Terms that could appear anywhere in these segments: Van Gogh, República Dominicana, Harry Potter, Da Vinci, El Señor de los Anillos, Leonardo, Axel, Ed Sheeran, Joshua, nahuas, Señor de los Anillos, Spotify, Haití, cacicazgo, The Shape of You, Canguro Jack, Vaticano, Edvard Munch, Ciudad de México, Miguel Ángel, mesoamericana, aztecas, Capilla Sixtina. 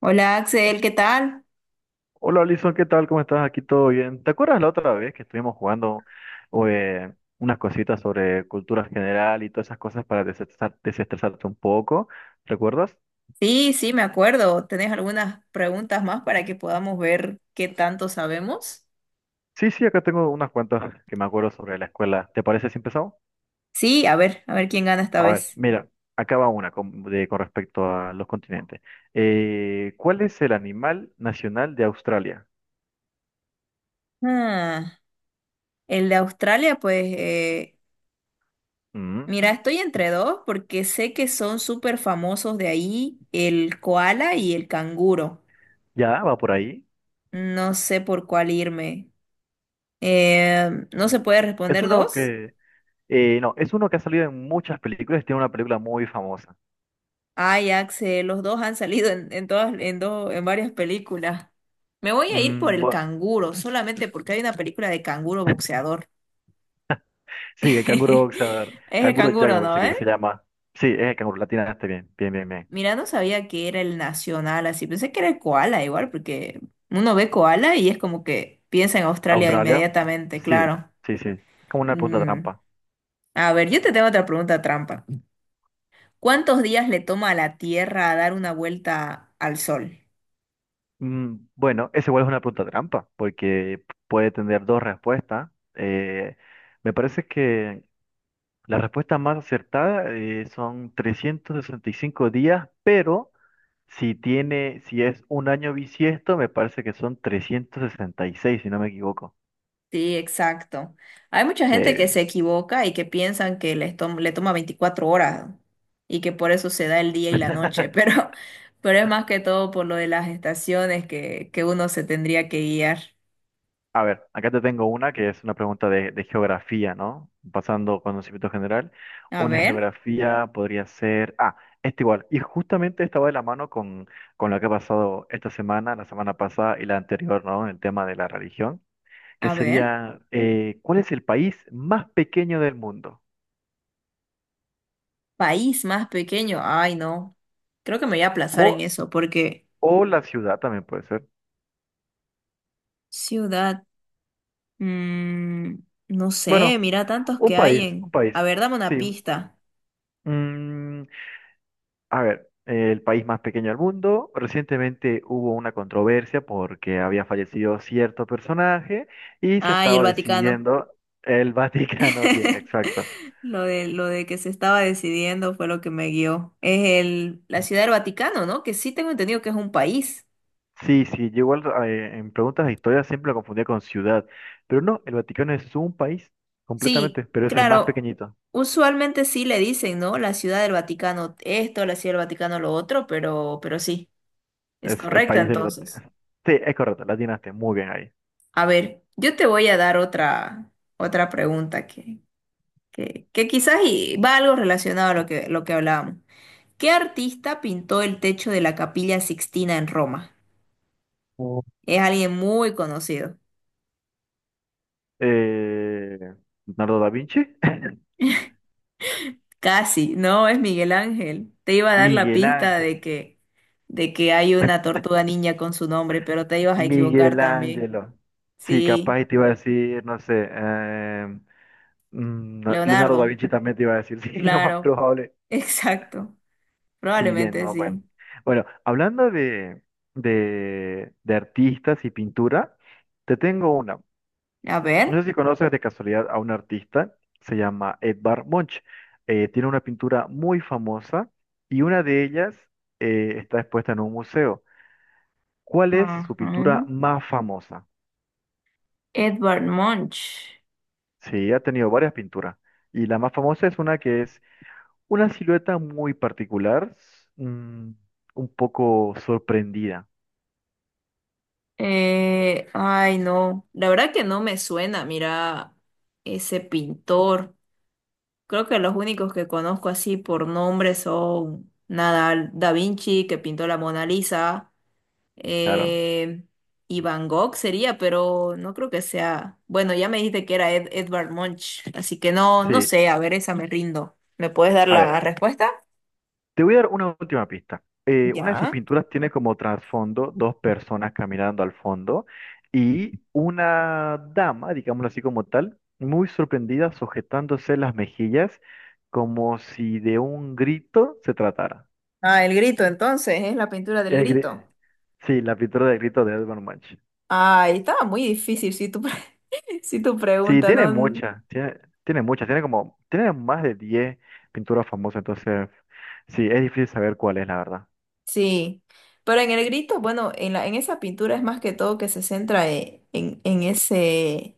Hola Axel, ¿qué tal? Hola, Alison, ¿qué tal? ¿Cómo estás? Aquí todo bien. ¿Te acuerdas la otra vez que estuvimos jugando eh, unas cositas sobre cultura general y todas esas cosas para desestresarte un poco? ¿Recuerdas? Sí, sí, me acuerdo. ¿Tenés algunas preguntas más para que podamos ver qué tanto sabemos? Sí, sí, acá tengo unas cuantas que me acuerdo sobre la escuela. ¿Te parece si empezamos? Sí, a ver quién gana esta A ver, vez. mira, acá va una con respecto a los continentes. ¿Cuál es el animal nacional de Australia? Ah, el de Australia, pues, Mm, mira, estoy entre dos porque sé que son súper famosos de ahí, el koala y el canguro. ya, va por ahí. No sé por cuál irme. ¿No se puede Es responder uno dos? que, no, es uno que ha salido en muchas películas y tiene una película muy famosa. Ay, Axel, los dos han salido en todas, en dos, en varias películas. Me voy a ir por Mm, el bueno, canguro, solamente porque hay una película de canguro boxeador. sí, el canguro boxeador. Es el Canguro Jack me canguro, parece ¿no? que se ¿Eh? llama. Sí, es el canguro, latina, este bien, bien, bien, bien. Mira, no sabía que era el nacional así. Pensé que era el koala igual, porque uno ve koala y es como que piensa en Australia ¿Australia? inmediatamente, Sí, claro. sí, sí. Como una pregunta Mm. trampa. A ver, yo te tengo otra pregunta trampa. ¿Cuántos días le toma a la Tierra a dar una vuelta al Sol? Mm, bueno, es igual es una pregunta trampa, porque puede tener dos respuestas. Me parece que la respuesta más acertada son 365 días, pero si tiene, si es un año bisiesto, me parece que son 366 si no me equivoco. Sí, exacto. Hay mucha Sí, gente que se bien. equivoca y que piensan que les le toma 24 horas y que por eso se da el día y la noche, pero es más que todo por lo de las estaciones que uno se tendría que guiar. A ver, acá te tengo una que es una pregunta de geografía, ¿no? Pasando conocimiento general, A una ver, geografía podría ser... Ah, esta igual. Y justamente estaba de la mano con lo que ha pasado esta semana, la semana pasada y la anterior, ¿no? El tema de la religión, que a ver, sería, ¿cuál es el país más pequeño del mundo? país más pequeño. Ay, no. Creo que me voy a aplazar en O, eso porque o la ciudad también puede ser. ciudad, mm, no Bueno, sé, mira tantos un que hay país, un en... A país. ver, dame una Sí. pista. Mm, a ver, el país más pequeño del mundo. Recientemente hubo una controversia porque había fallecido cierto personaje y se Ay, el estaba Vaticano. decidiendo el Vaticano. Bien, exacto. Lo de que se estaba decidiendo fue lo que me guió. Es el, la Ciudad del Vaticano, ¿no? Que sí tengo entendido que es un país. Sí, sí, yo igual en preguntas de historia siempre lo confundía con ciudad, pero no, el Vaticano es un país Sí, completamente, pero es el más claro. pequeñito, Usualmente sí le dicen, ¿no? La Ciudad del Vaticano esto, la Ciudad del Vaticano lo otro, pero sí, es es el correcta país del entonces. Vaticano. Sí, es correcto, la atinaste, muy bien ahí. A ver, yo te voy a dar otra, pregunta que quizás y va algo relacionado a lo que hablábamos. ¿Qué artista pintó el techo de la Capilla Sixtina en Roma? Oh, Es alguien muy conocido. Eh, Leonardo da Vinci. Casi, no es Miguel Ángel. Te iba a dar la Miguel pista Ángel. de que hay una tortuga niña con su nombre, pero te ibas a equivocar Miguel también. Ángelo. Sí, Sí, capaz te iba a decir, no sé, no, Leonardo da Leonardo, Vinci también te iba a decir, sí, lo más claro, probable. exacto. Sí, bien, Probablemente no, sí. bueno. Bueno, hablando de, de artistas y pintura, te tengo una. A No ver. sé si conoces de casualidad a un artista, se llama Edvard Munch. Tiene una pintura muy famosa y una de ellas está expuesta en un museo. ¿Cuál es Ajá. su pintura más famosa? Edvard Munch. Sí, ha tenido varias pinturas. Y la más famosa es una que es una silueta muy particular, un poco sorprendida, Ay, no. La verdad que no me suena, mira, ese pintor. Creo que los únicos que conozco así por nombre son Nadal, Da Vinci, que pintó la Mona Lisa, claro. eh, y Van Gogh sería, pero no creo que sea. Bueno, ya me dijiste que era Edvard Munch, así que no, no Sí, sé, a ver, esa me rindo. ¿Me puedes dar a la ver, respuesta? te voy a dar una última pista. Una de sus Ya. pinturas tiene como trasfondo dos personas caminando al fondo y una dama, digámoslo así como tal, muy sorprendida, sujetándose las mejillas como si de un grito se tratara. Ah, el grito, entonces, es la pintura del El gri- grito. sí, la pintura del grito de Edvard Munch. Ay, estaba muy difícil si tu Sí, pregunta tiene no. muchas, tiene muchas, tiene como, tiene más de 10 pinturas famosas, entonces sí, es difícil saber cuál es, la verdad. Sí, pero en el grito, bueno, en esa pintura es más que todo que se centra en ese,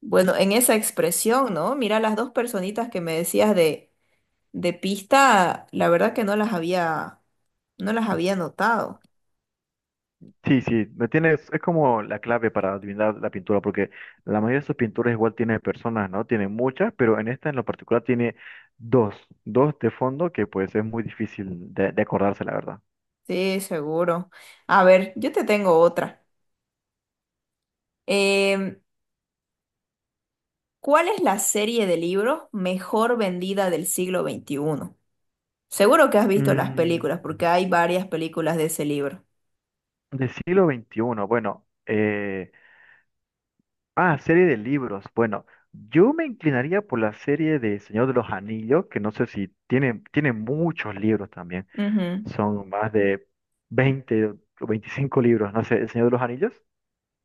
bueno, en esa expresión, ¿no? Mira, las dos personitas que me decías de pista, la verdad que no las había notado. Sí, sí, me tienes, es como la clave para adivinar la pintura, porque la mayoría de sus pinturas igual tiene personas, ¿no? Tiene muchas, pero en esta en lo particular tiene dos, dos de fondo que pues es muy difícil de acordarse, la verdad. Sí, seguro. A ver, yo te tengo otra. Em, ¿cuál es la serie de libros mejor vendida del siglo XXI? Seguro que has visto las Mm, películas, porque hay varias películas de ese libro. del siglo XXI, bueno, ah, serie de libros. Bueno, yo me inclinaría por la serie de Señor de los Anillos, que no sé si tiene, tiene muchos libros también. Ujú. Son más de 20 o 25 libros, no sé, El Señor de los Anillos.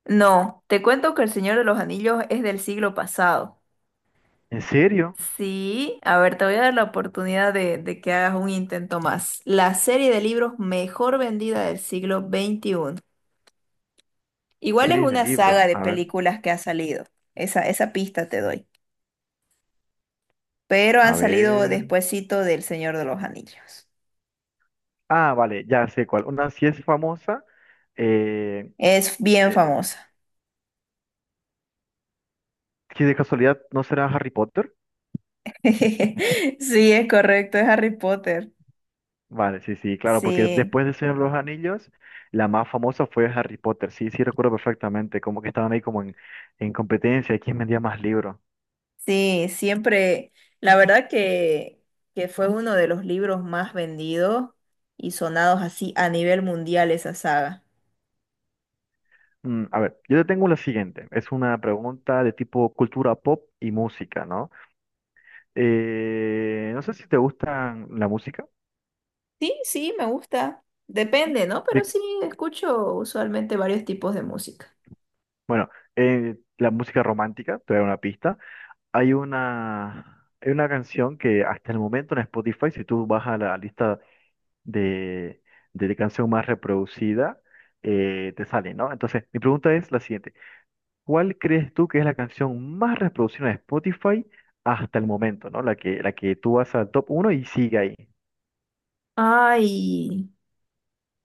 No, te cuento que El Señor de los Anillos es del siglo pasado. ¿En serio? Sí, a ver, te voy a dar la oportunidad de que hagas un intento más. La serie de libros mejor vendida del siglo XXI. Igual es Series de una libros. saga de A ver, películas que ha salido. Esa pista te doy. Pero han a salido ver. despuesito del Señor de los Anillos. Ah, vale, ya sé cuál. Una sí es famosa, eh, Es bien eh, famosa. que de casualidad no será Harry Potter. Sí, es correcto, es Harry Potter. Vale, sí, sí, claro, porque Sí. después de Señor de los Anillos, la más famosa fue Harry Potter. Sí, sí, recuerdo perfectamente, como que estaban ahí como en competencia, de quién vendía más libros. Sí, siempre, la verdad que fue uno de los libros más vendidos y sonados así a nivel mundial esa saga. Mm, a ver, yo te tengo la siguiente. Es una pregunta de tipo cultura pop y música, ¿no? No sé si te gustan la música. Sí, sí, me gusta. Depende, ¿no? Pero De- sí, escucho usualmente varios tipos de música. bueno, la música romántica, te voy a dar una pista. Hay una canción que hasta el momento en Spotify, si tú vas a la lista de, de canción más reproducida te sale, ¿no? Entonces, mi pregunta es la siguiente. ¿Cuál crees tú que es la canción más reproducida de Spotify hasta el momento? ¿No? La que tú vas al top uno y sigue ahí. Ay,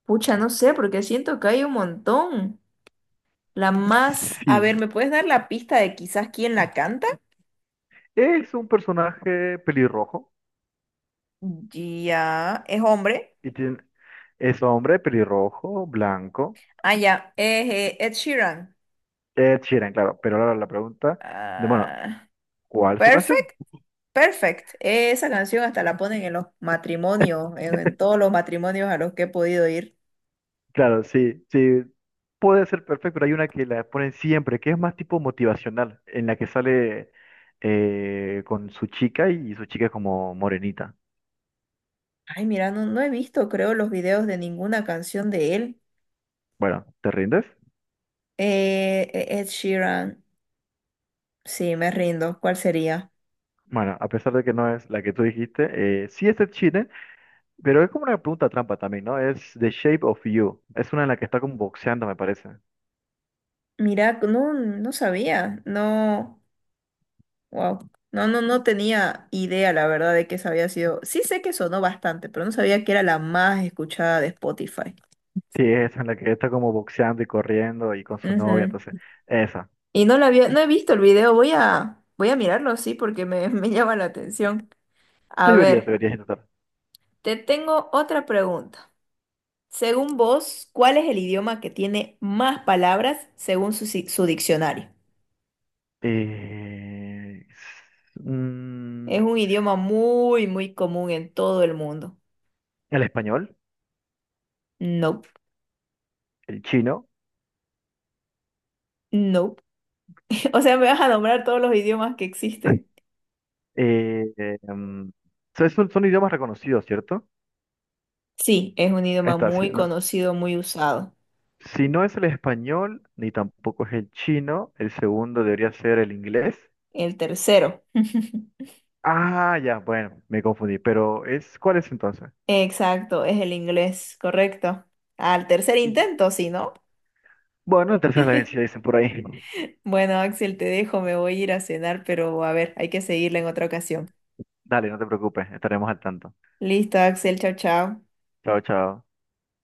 pucha, no sé, porque siento que hay un montón. La más, a ver, Sí. ¿me puedes dar la pista de quizás quién la canta? Es un personaje pelirrojo Ya, es hombre. y tiene, es hombre pelirrojo, blanco. Ah, ya, es Ed Sheeran. Ed Sheeran, claro. Pero ahora la pregunta bueno, Ah, ¿cuál es su canción? Perfect. Perfect. Esa canción hasta la ponen en los matrimonios, en todos los matrimonios a los que he podido ir. Claro, sí, sí, puede ser perfecto, pero hay una que la ponen siempre, que es más tipo motivacional, en la que sale con su chica y su chica es como morenita. Ay, mira, no, no he visto, creo, los videos de ninguna canción de él. Bueno, ¿te rindes? Ed Sheeran. Sí, me rindo. ¿Cuál sería? Bueno, a pesar de que no es la que tú dijiste, sí es de Chile, pero es como una pregunta trampa también, ¿no? Es The Shape of You, es una en la que está como boxeando, me parece. Mira, no, no sabía. No, wow. No, no, no tenía idea, la verdad, de que esa había sido. Sí sé que sonó bastante, pero no sabía que era la más escuchada de Spotify. Sí, es en la que está como boxeando y corriendo y con su novia, Ujú. entonces, esa. Y no he visto el video, voy a mirarlo, sí, porque me llama la atención. A Deberías, ver, deberías intentar. te tengo otra pregunta. Según vos, ¿cuál es el idioma que tiene más palabras según su, si- su diccionario? Eh, s- mm, Es un idioma muy, muy común en todo el mundo. el español, No, el chino. no. O sea, me vas a nombrar todos los idiomas que existen. eh, em, son idiomas reconocidos, ¿cierto? Sí, es un Ahí idioma está, sí, muy no. conocido, muy usado. Si no es el español, ni tampoco es el chino, el segundo debería ser el inglés. El tercero. Ah, ya, bueno, me confundí, pero es, ¿cuál es entonces? Exacto, es el inglés, correcto. Al tercer intento, sí, ¿no? Bueno, el tercero es la vencida, dicen por ahí. Bueno, Axel, te dejo, me voy a ir a cenar, pero a ver, hay que seguirla en otra ocasión. Dale, no te preocupes, estaremos al tanto. Listo, Axel, chao, chao. Chao, chao.